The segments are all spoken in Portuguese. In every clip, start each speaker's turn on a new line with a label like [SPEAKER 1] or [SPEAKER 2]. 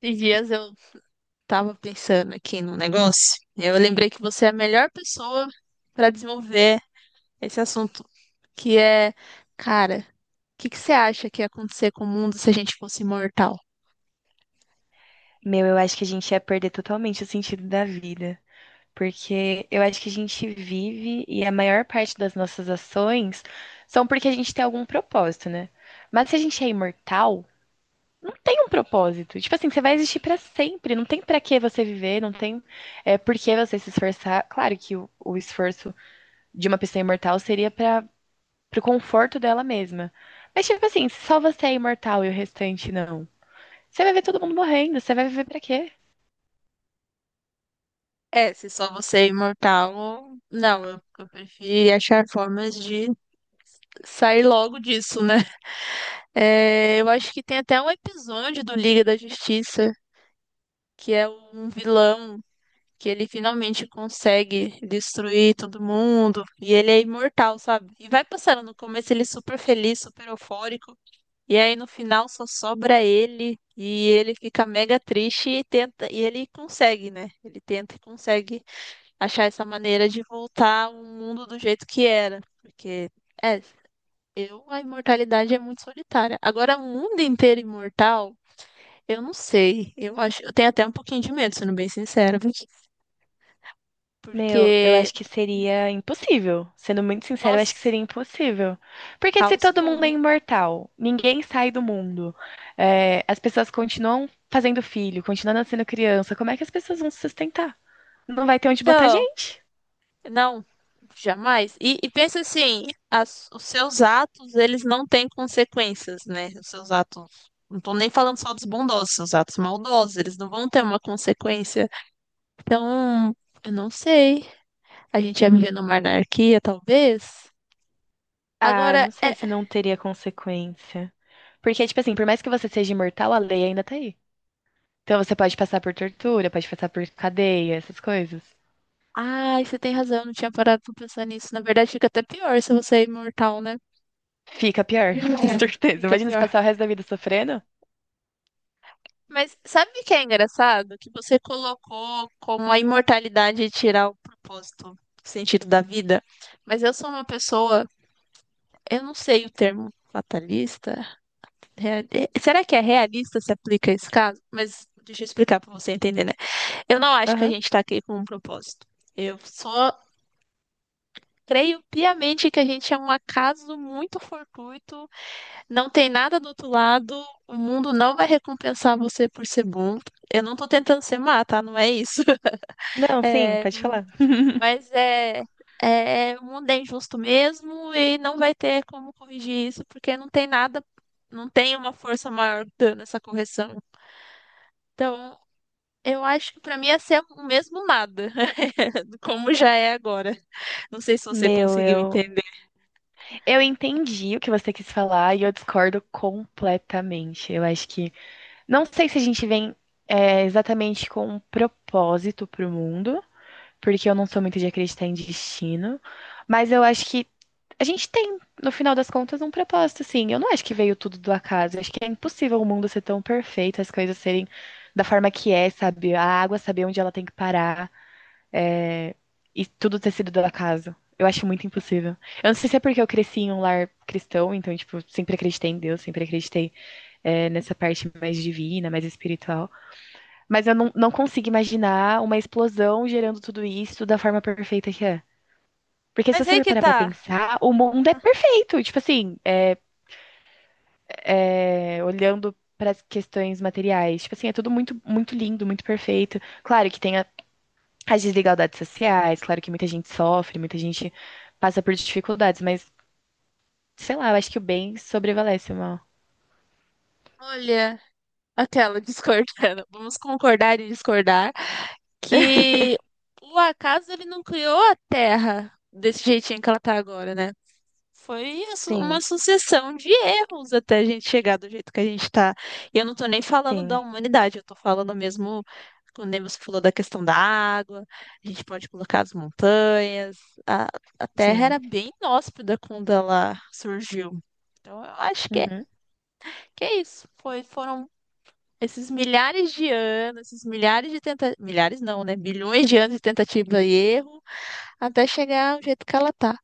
[SPEAKER 1] Esses dias eu tava pensando aqui num negócio. Eu lembrei que você é a melhor pessoa para desenvolver esse assunto, que é, cara, o que que você acha que ia acontecer com o mundo se a gente fosse imortal?
[SPEAKER 2] Meu, eu acho que a gente ia perder totalmente o sentido da vida. Porque eu acho que a gente vive e a maior parte das nossas ações são porque a gente tem algum propósito, né? Mas se a gente é imortal, não tem um propósito. Tipo assim, você vai existir pra sempre, não tem pra que você viver, não tem por que você se esforçar. Claro que o esforço de uma pessoa imortal seria para pro conforto dela mesma. Mas tipo assim, se só você é imortal e o restante não, você vai ver todo mundo morrendo, você vai viver pra quê?
[SPEAKER 1] É, se só você é imortal, não, eu prefiro achar formas de sair logo disso, né? É, eu acho que tem até um episódio do Liga da Justiça que é um vilão que ele finalmente consegue destruir todo mundo e ele é imortal, sabe? E vai passando no começo ele é super feliz, super eufórico, e aí no final só sobra ele e ele fica mega triste e tenta e ele consegue, né? Ele tenta e consegue achar essa maneira de voltar ao mundo do jeito que era, porque é, eu a imortalidade é muito solitária. Agora o mundo inteiro imortal eu não sei. Eu acho, eu tenho até um pouquinho de medo, sendo bem sincera.
[SPEAKER 2] Meu, eu
[SPEAKER 1] Porque,
[SPEAKER 2] acho que seria impossível. Sendo muito sincero, eu acho que
[SPEAKER 1] nossa,
[SPEAKER 2] seria impossível. Porque se
[SPEAKER 1] caos
[SPEAKER 2] todo mundo é
[SPEAKER 1] puro.
[SPEAKER 2] imortal, ninguém sai do mundo, é, as pessoas continuam fazendo filho, continuam nascendo criança, como é que as pessoas vão se sustentar? Não vai ter onde botar
[SPEAKER 1] Então,
[SPEAKER 2] gente.
[SPEAKER 1] não, jamais. E pensa assim, os seus atos, eles não têm consequências, né? Os seus atos, não tô nem falando só dos bondosos, seus atos maldosos, eles não vão ter uma consequência. Então, eu não sei. A gente ia viver numa anarquia, talvez.
[SPEAKER 2] Ah, eu
[SPEAKER 1] Agora,
[SPEAKER 2] não
[SPEAKER 1] é...
[SPEAKER 2] sei se não teria consequência. Porque, tipo assim, por mais que você seja imortal, a lei ainda tá aí. Então você pode passar por tortura, pode passar por cadeia, essas coisas.
[SPEAKER 1] Ai, você tem razão, eu não tinha parado pra pensar nisso. Na verdade, fica até pior se você é imortal, né?
[SPEAKER 2] Fica pior, com
[SPEAKER 1] É.
[SPEAKER 2] certeza.
[SPEAKER 1] Fica
[SPEAKER 2] Imagina se
[SPEAKER 1] pior.
[SPEAKER 2] passar o resto da vida sofrendo.
[SPEAKER 1] Mas sabe o que é engraçado? Que você colocou como a imortalidade tirar o propósito, o sentido da vida. Mas eu sou uma pessoa, eu não sei o termo fatalista. Será que é realista se aplica a esse caso? Mas deixa eu explicar para você entender, né? Eu não acho que a
[SPEAKER 2] Aham.
[SPEAKER 1] gente está aqui com um propósito. Eu só creio piamente que a gente é um acaso muito fortuito, não tem nada do outro lado, o mundo não vai recompensar você por ser bom. Eu não tô tentando ser má, tá? Não é isso.
[SPEAKER 2] Não, sim,
[SPEAKER 1] É,
[SPEAKER 2] pode falar.
[SPEAKER 1] mas o mundo é injusto mesmo e não vai ter como corrigir isso, porque não tem nada, não tem uma força maior dando essa correção. Então, eu acho que para mim ia ser o mesmo nada, como já é agora. Não sei se você
[SPEAKER 2] Meu,
[SPEAKER 1] conseguiu
[SPEAKER 2] eu.
[SPEAKER 1] entender.
[SPEAKER 2] Eu entendi o que você quis falar e eu discordo completamente. Eu acho que. Não sei se a gente vem exatamente com um propósito pro mundo, porque eu não sou muito de acreditar em destino, mas eu acho que a gente tem, no final das contas, um propósito, sim. Eu não acho que veio tudo do acaso. Eu acho que é impossível o mundo ser tão perfeito, as coisas serem da forma que é, sabe? A água saber onde ela tem que parar e tudo ter sido da casa. Eu acho muito impossível. Eu não sei se é porque eu cresci em um lar cristão, então, tipo, sempre acreditei em Deus, sempre acreditei nessa parte mais divina, mais espiritual. Mas eu não consigo imaginar uma explosão gerando tudo isso da forma perfeita que é. Porque se
[SPEAKER 1] Mas
[SPEAKER 2] você
[SPEAKER 1] aí
[SPEAKER 2] for
[SPEAKER 1] que
[SPEAKER 2] parar pra
[SPEAKER 1] tá.
[SPEAKER 2] pensar, o mundo é perfeito. Tipo assim, é, olhando para as questões materiais, tipo assim, é tudo muito, muito lindo, muito perfeito. Claro que tem as desigualdades sociais, claro que muita gente sofre, muita gente passa por dificuldades, mas sei lá, eu acho que o bem sobrevalece o mal.
[SPEAKER 1] Olha, aquela discordando. Vamos concordar e discordar que o acaso ele não criou a Terra desse jeitinho que ela tá agora, né?
[SPEAKER 2] Sim,
[SPEAKER 1] Uma sucessão de erros até a gente chegar do jeito que a gente está. E eu não estou nem falando da
[SPEAKER 2] sim,
[SPEAKER 1] humanidade, eu estou falando mesmo, quando você falou da questão da água, a gente pode colocar as montanhas, a, a Terra
[SPEAKER 2] sim.
[SPEAKER 1] era bem inóspita quando ela surgiu. Então eu acho que
[SPEAKER 2] Uhum.
[SPEAKER 1] que é isso. Foram esses milhares de anos, esses milhares de tentativas, milhares não, né? Bilhões de anos de tentativa e erro, até chegar ao jeito que ela está.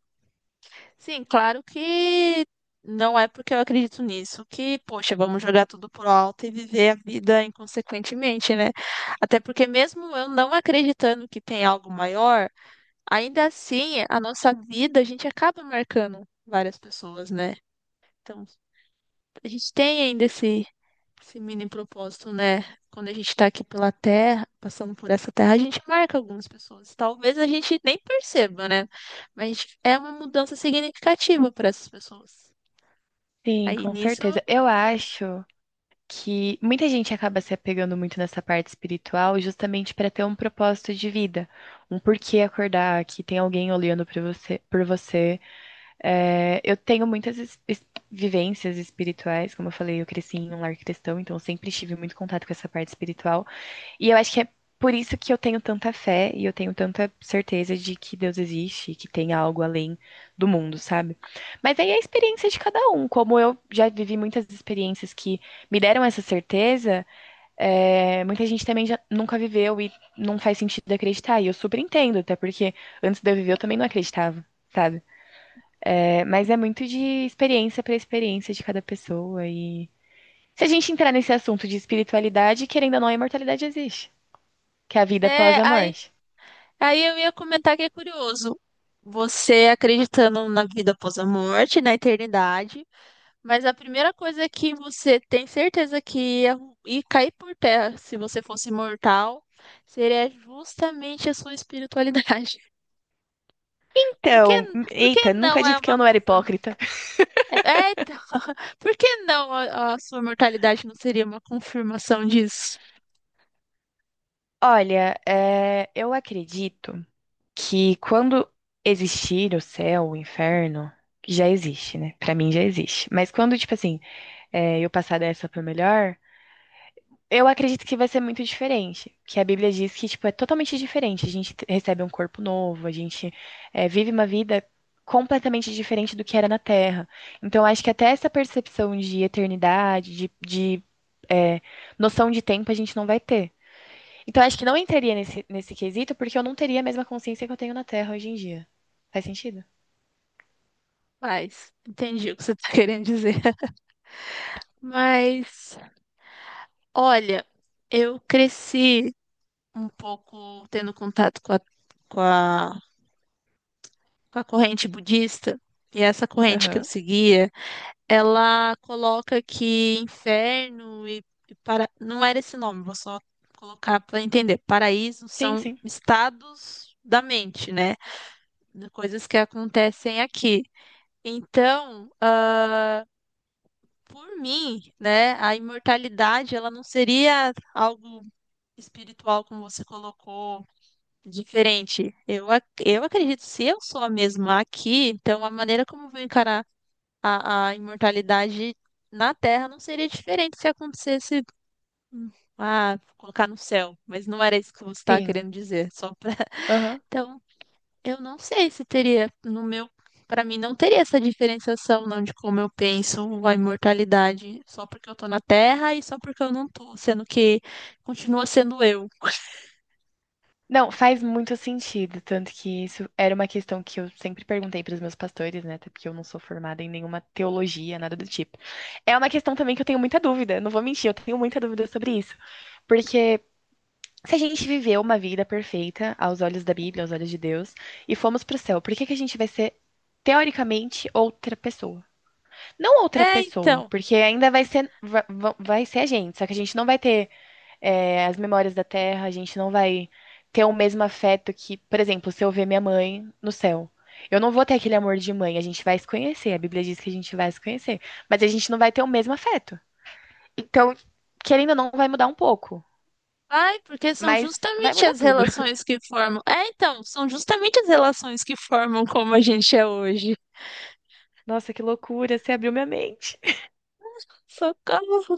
[SPEAKER 1] Sim, claro que não é porque eu acredito nisso que, poxa, vamos jogar tudo pro alto e viver a vida inconsequentemente, né? Até porque mesmo eu não acreditando que tem algo maior, ainda assim, a nossa vida, a gente acaba marcando várias pessoas, né? Então, a gente tem ainda esse mini propósito, né? Quando a gente tá aqui pela terra, passando por essa terra, a gente marca algumas pessoas. Talvez a gente nem perceba, né? Mas é uma mudança significativa para essas pessoas.
[SPEAKER 2] Sim,
[SPEAKER 1] Aí
[SPEAKER 2] com
[SPEAKER 1] nisso,
[SPEAKER 2] certeza. Eu acho que muita gente acaba se apegando muito nessa parte espiritual justamente para ter um propósito de vida, um porquê acordar, que tem alguém olhando para você, por você. É, eu tenho muitas vivências espirituais, como eu falei, eu cresci em um lar cristão, então eu sempre tive muito contato com essa parte espiritual. E eu acho que é por isso que eu tenho tanta fé e eu tenho tanta certeza de que Deus existe, que tem algo além do mundo, sabe? Mas aí é a experiência de cada um. Como eu já vivi muitas experiências que me deram essa certeza, é, muita gente também já nunca viveu e não faz sentido acreditar. E eu super entendo, até porque antes de eu viver eu também não acreditava, sabe? É, mas é muito de experiência para experiência de cada pessoa. E. Se a gente entrar nesse assunto de espiritualidade, querendo ou não, a imortalidade existe. Que é a vida após
[SPEAKER 1] é,
[SPEAKER 2] a
[SPEAKER 1] aí,
[SPEAKER 2] morte.
[SPEAKER 1] aí eu ia comentar que é curioso. Você acreditando na vida após a morte, na eternidade, mas a primeira coisa que você tem certeza que ia cair por terra se você fosse mortal seria justamente a sua espiritualidade. Por que,
[SPEAKER 2] Então,
[SPEAKER 1] por que
[SPEAKER 2] eita, nunca
[SPEAKER 1] não é
[SPEAKER 2] disse que
[SPEAKER 1] uma
[SPEAKER 2] eu não era
[SPEAKER 1] confirmação?
[SPEAKER 2] hipócrita.
[SPEAKER 1] É, é, então, por que não a sua mortalidade não seria uma confirmação disso?
[SPEAKER 2] Olha, é, eu acredito que quando existir o céu, o inferno, que já existe, né? Pra mim já existe. Mas quando, tipo assim, é, eu passar dessa pra melhor, eu acredito que vai ser muito diferente, que a Bíblia diz que, tipo, é totalmente diferente. A gente recebe um corpo novo, a gente vive uma vida completamente diferente do que era na Terra. Então, acho que até essa percepção de eternidade, de, eh, noção de tempo, a gente não vai ter. Então, acho que não entraria nesse quesito, porque eu não teria a mesma consciência que eu tenho na Terra hoje em dia. Faz sentido?
[SPEAKER 1] Mas, entendi o que você está querendo dizer. Mas, olha, eu cresci um pouco tendo contato com a, corrente budista, e essa corrente que eu
[SPEAKER 2] Aham.
[SPEAKER 1] seguia. Ela coloca que inferno e para... Não era esse nome, vou só colocar para entender. Paraíso
[SPEAKER 2] Sim,
[SPEAKER 1] são
[SPEAKER 2] sim.
[SPEAKER 1] estados da mente, né? De coisas que acontecem aqui. Então, por mim, né, a imortalidade, ela não seria algo espiritual, como você colocou, diferente. Eu acredito, se eu sou a mesma aqui, então a maneira como eu vou encarar a imortalidade na Terra não seria diferente se acontecesse, hum, colocar no céu, mas não era isso que você estava
[SPEAKER 2] Sim.
[SPEAKER 1] querendo dizer, só pra...
[SPEAKER 2] Aham.
[SPEAKER 1] Então, eu não sei se teria, no meu, para mim não teria essa diferenciação não de como eu penso a imortalidade, só porque eu tô na Terra e só porque eu não tô, sendo que continua sendo eu.
[SPEAKER 2] Não, faz muito sentido, tanto que isso era uma questão que eu sempre perguntei para os meus pastores, né? Até porque eu não sou formada em nenhuma teologia, nada do tipo. É uma questão também que eu tenho muita dúvida, não vou mentir, eu tenho muita dúvida sobre isso. Porque se a gente viveu uma vida perfeita aos olhos da Bíblia, aos olhos de Deus, e fomos para o céu, por que que a gente vai ser, teoricamente, outra pessoa? Não outra
[SPEAKER 1] É,
[SPEAKER 2] pessoa,
[SPEAKER 1] então.
[SPEAKER 2] porque ainda vai ser, vai ser a gente, só que a gente não vai ter as memórias da Terra, a gente não vai ter o mesmo afeto que, por exemplo, se eu ver minha mãe no céu. Eu não vou ter aquele amor de mãe, a gente vai se conhecer, a Bíblia diz que a gente vai se conhecer, mas a gente não vai ter o mesmo afeto. Então, querendo ou não, vai mudar um pouco,
[SPEAKER 1] Ai, porque são
[SPEAKER 2] mas vai
[SPEAKER 1] justamente
[SPEAKER 2] mudar
[SPEAKER 1] as
[SPEAKER 2] tudo.
[SPEAKER 1] relações que formam. É, então, são justamente as relações que formam como a gente é hoje.
[SPEAKER 2] Nossa, que loucura, você abriu minha mente.
[SPEAKER 1] Socorro!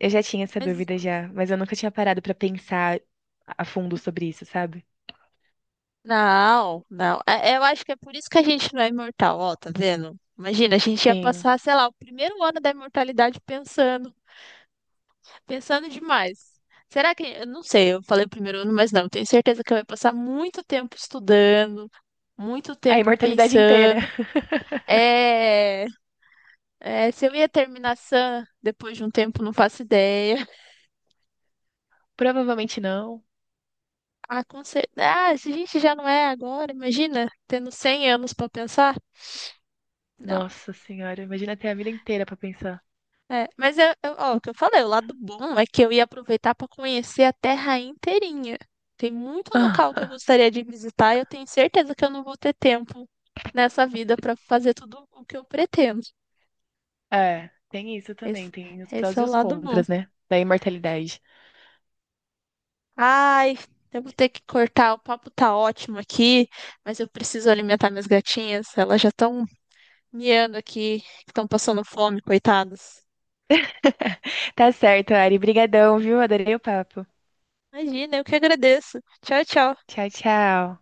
[SPEAKER 2] Eu já tinha essa
[SPEAKER 1] Mas
[SPEAKER 2] dúvida já, mas eu nunca tinha parado pra pensar a fundo sobre isso, sabe?
[SPEAKER 1] não, não. Eu acho que é por isso que a gente não é imortal, ó, tá vendo? Imagina, a gente ia
[SPEAKER 2] Sim.
[SPEAKER 1] passar, sei lá, o primeiro ano da imortalidade pensando, pensando demais. Será que, eu não sei, eu falei primeiro ano, mas não, tenho certeza que eu ia passar muito tempo estudando, muito
[SPEAKER 2] A
[SPEAKER 1] tempo
[SPEAKER 2] imortalidade inteira.
[SPEAKER 1] pensando. É, é, se eu ia terminar sã depois de um tempo, não faço ideia.
[SPEAKER 2] Provavelmente não.
[SPEAKER 1] Ah, com certeza. Ah, se a gente já não é agora, imagina, tendo 100 anos pra pensar.
[SPEAKER 2] Nossa senhora, imagina ter a vida inteira pra pensar.
[SPEAKER 1] É, mas ó, o que eu falei, o lado bom é que eu ia aproveitar para conhecer a terra inteirinha. Tem muito local que eu gostaria de visitar e eu tenho certeza que eu não vou ter tempo nessa vida para fazer tudo o que eu pretendo.
[SPEAKER 2] É, tem isso também,
[SPEAKER 1] Esse,
[SPEAKER 2] tem os
[SPEAKER 1] esse
[SPEAKER 2] prós
[SPEAKER 1] é
[SPEAKER 2] e
[SPEAKER 1] o
[SPEAKER 2] os
[SPEAKER 1] lado bom.
[SPEAKER 2] contras, né? Da imortalidade.
[SPEAKER 1] Ai, eu vou ter que cortar, o papo tá ótimo aqui, mas eu preciso alimentar minhas gatinhas, elas já estão miando aqui, estão passando fome, coitadas.
[SPEAKER 2] Tá certo, Ari. Brigadão, viu? Adorei o papo.
[SPEAKER 1] Imagina, eu que agradeço. Tchau, tchau.
[SPEAKER 2] Tchau, tchau.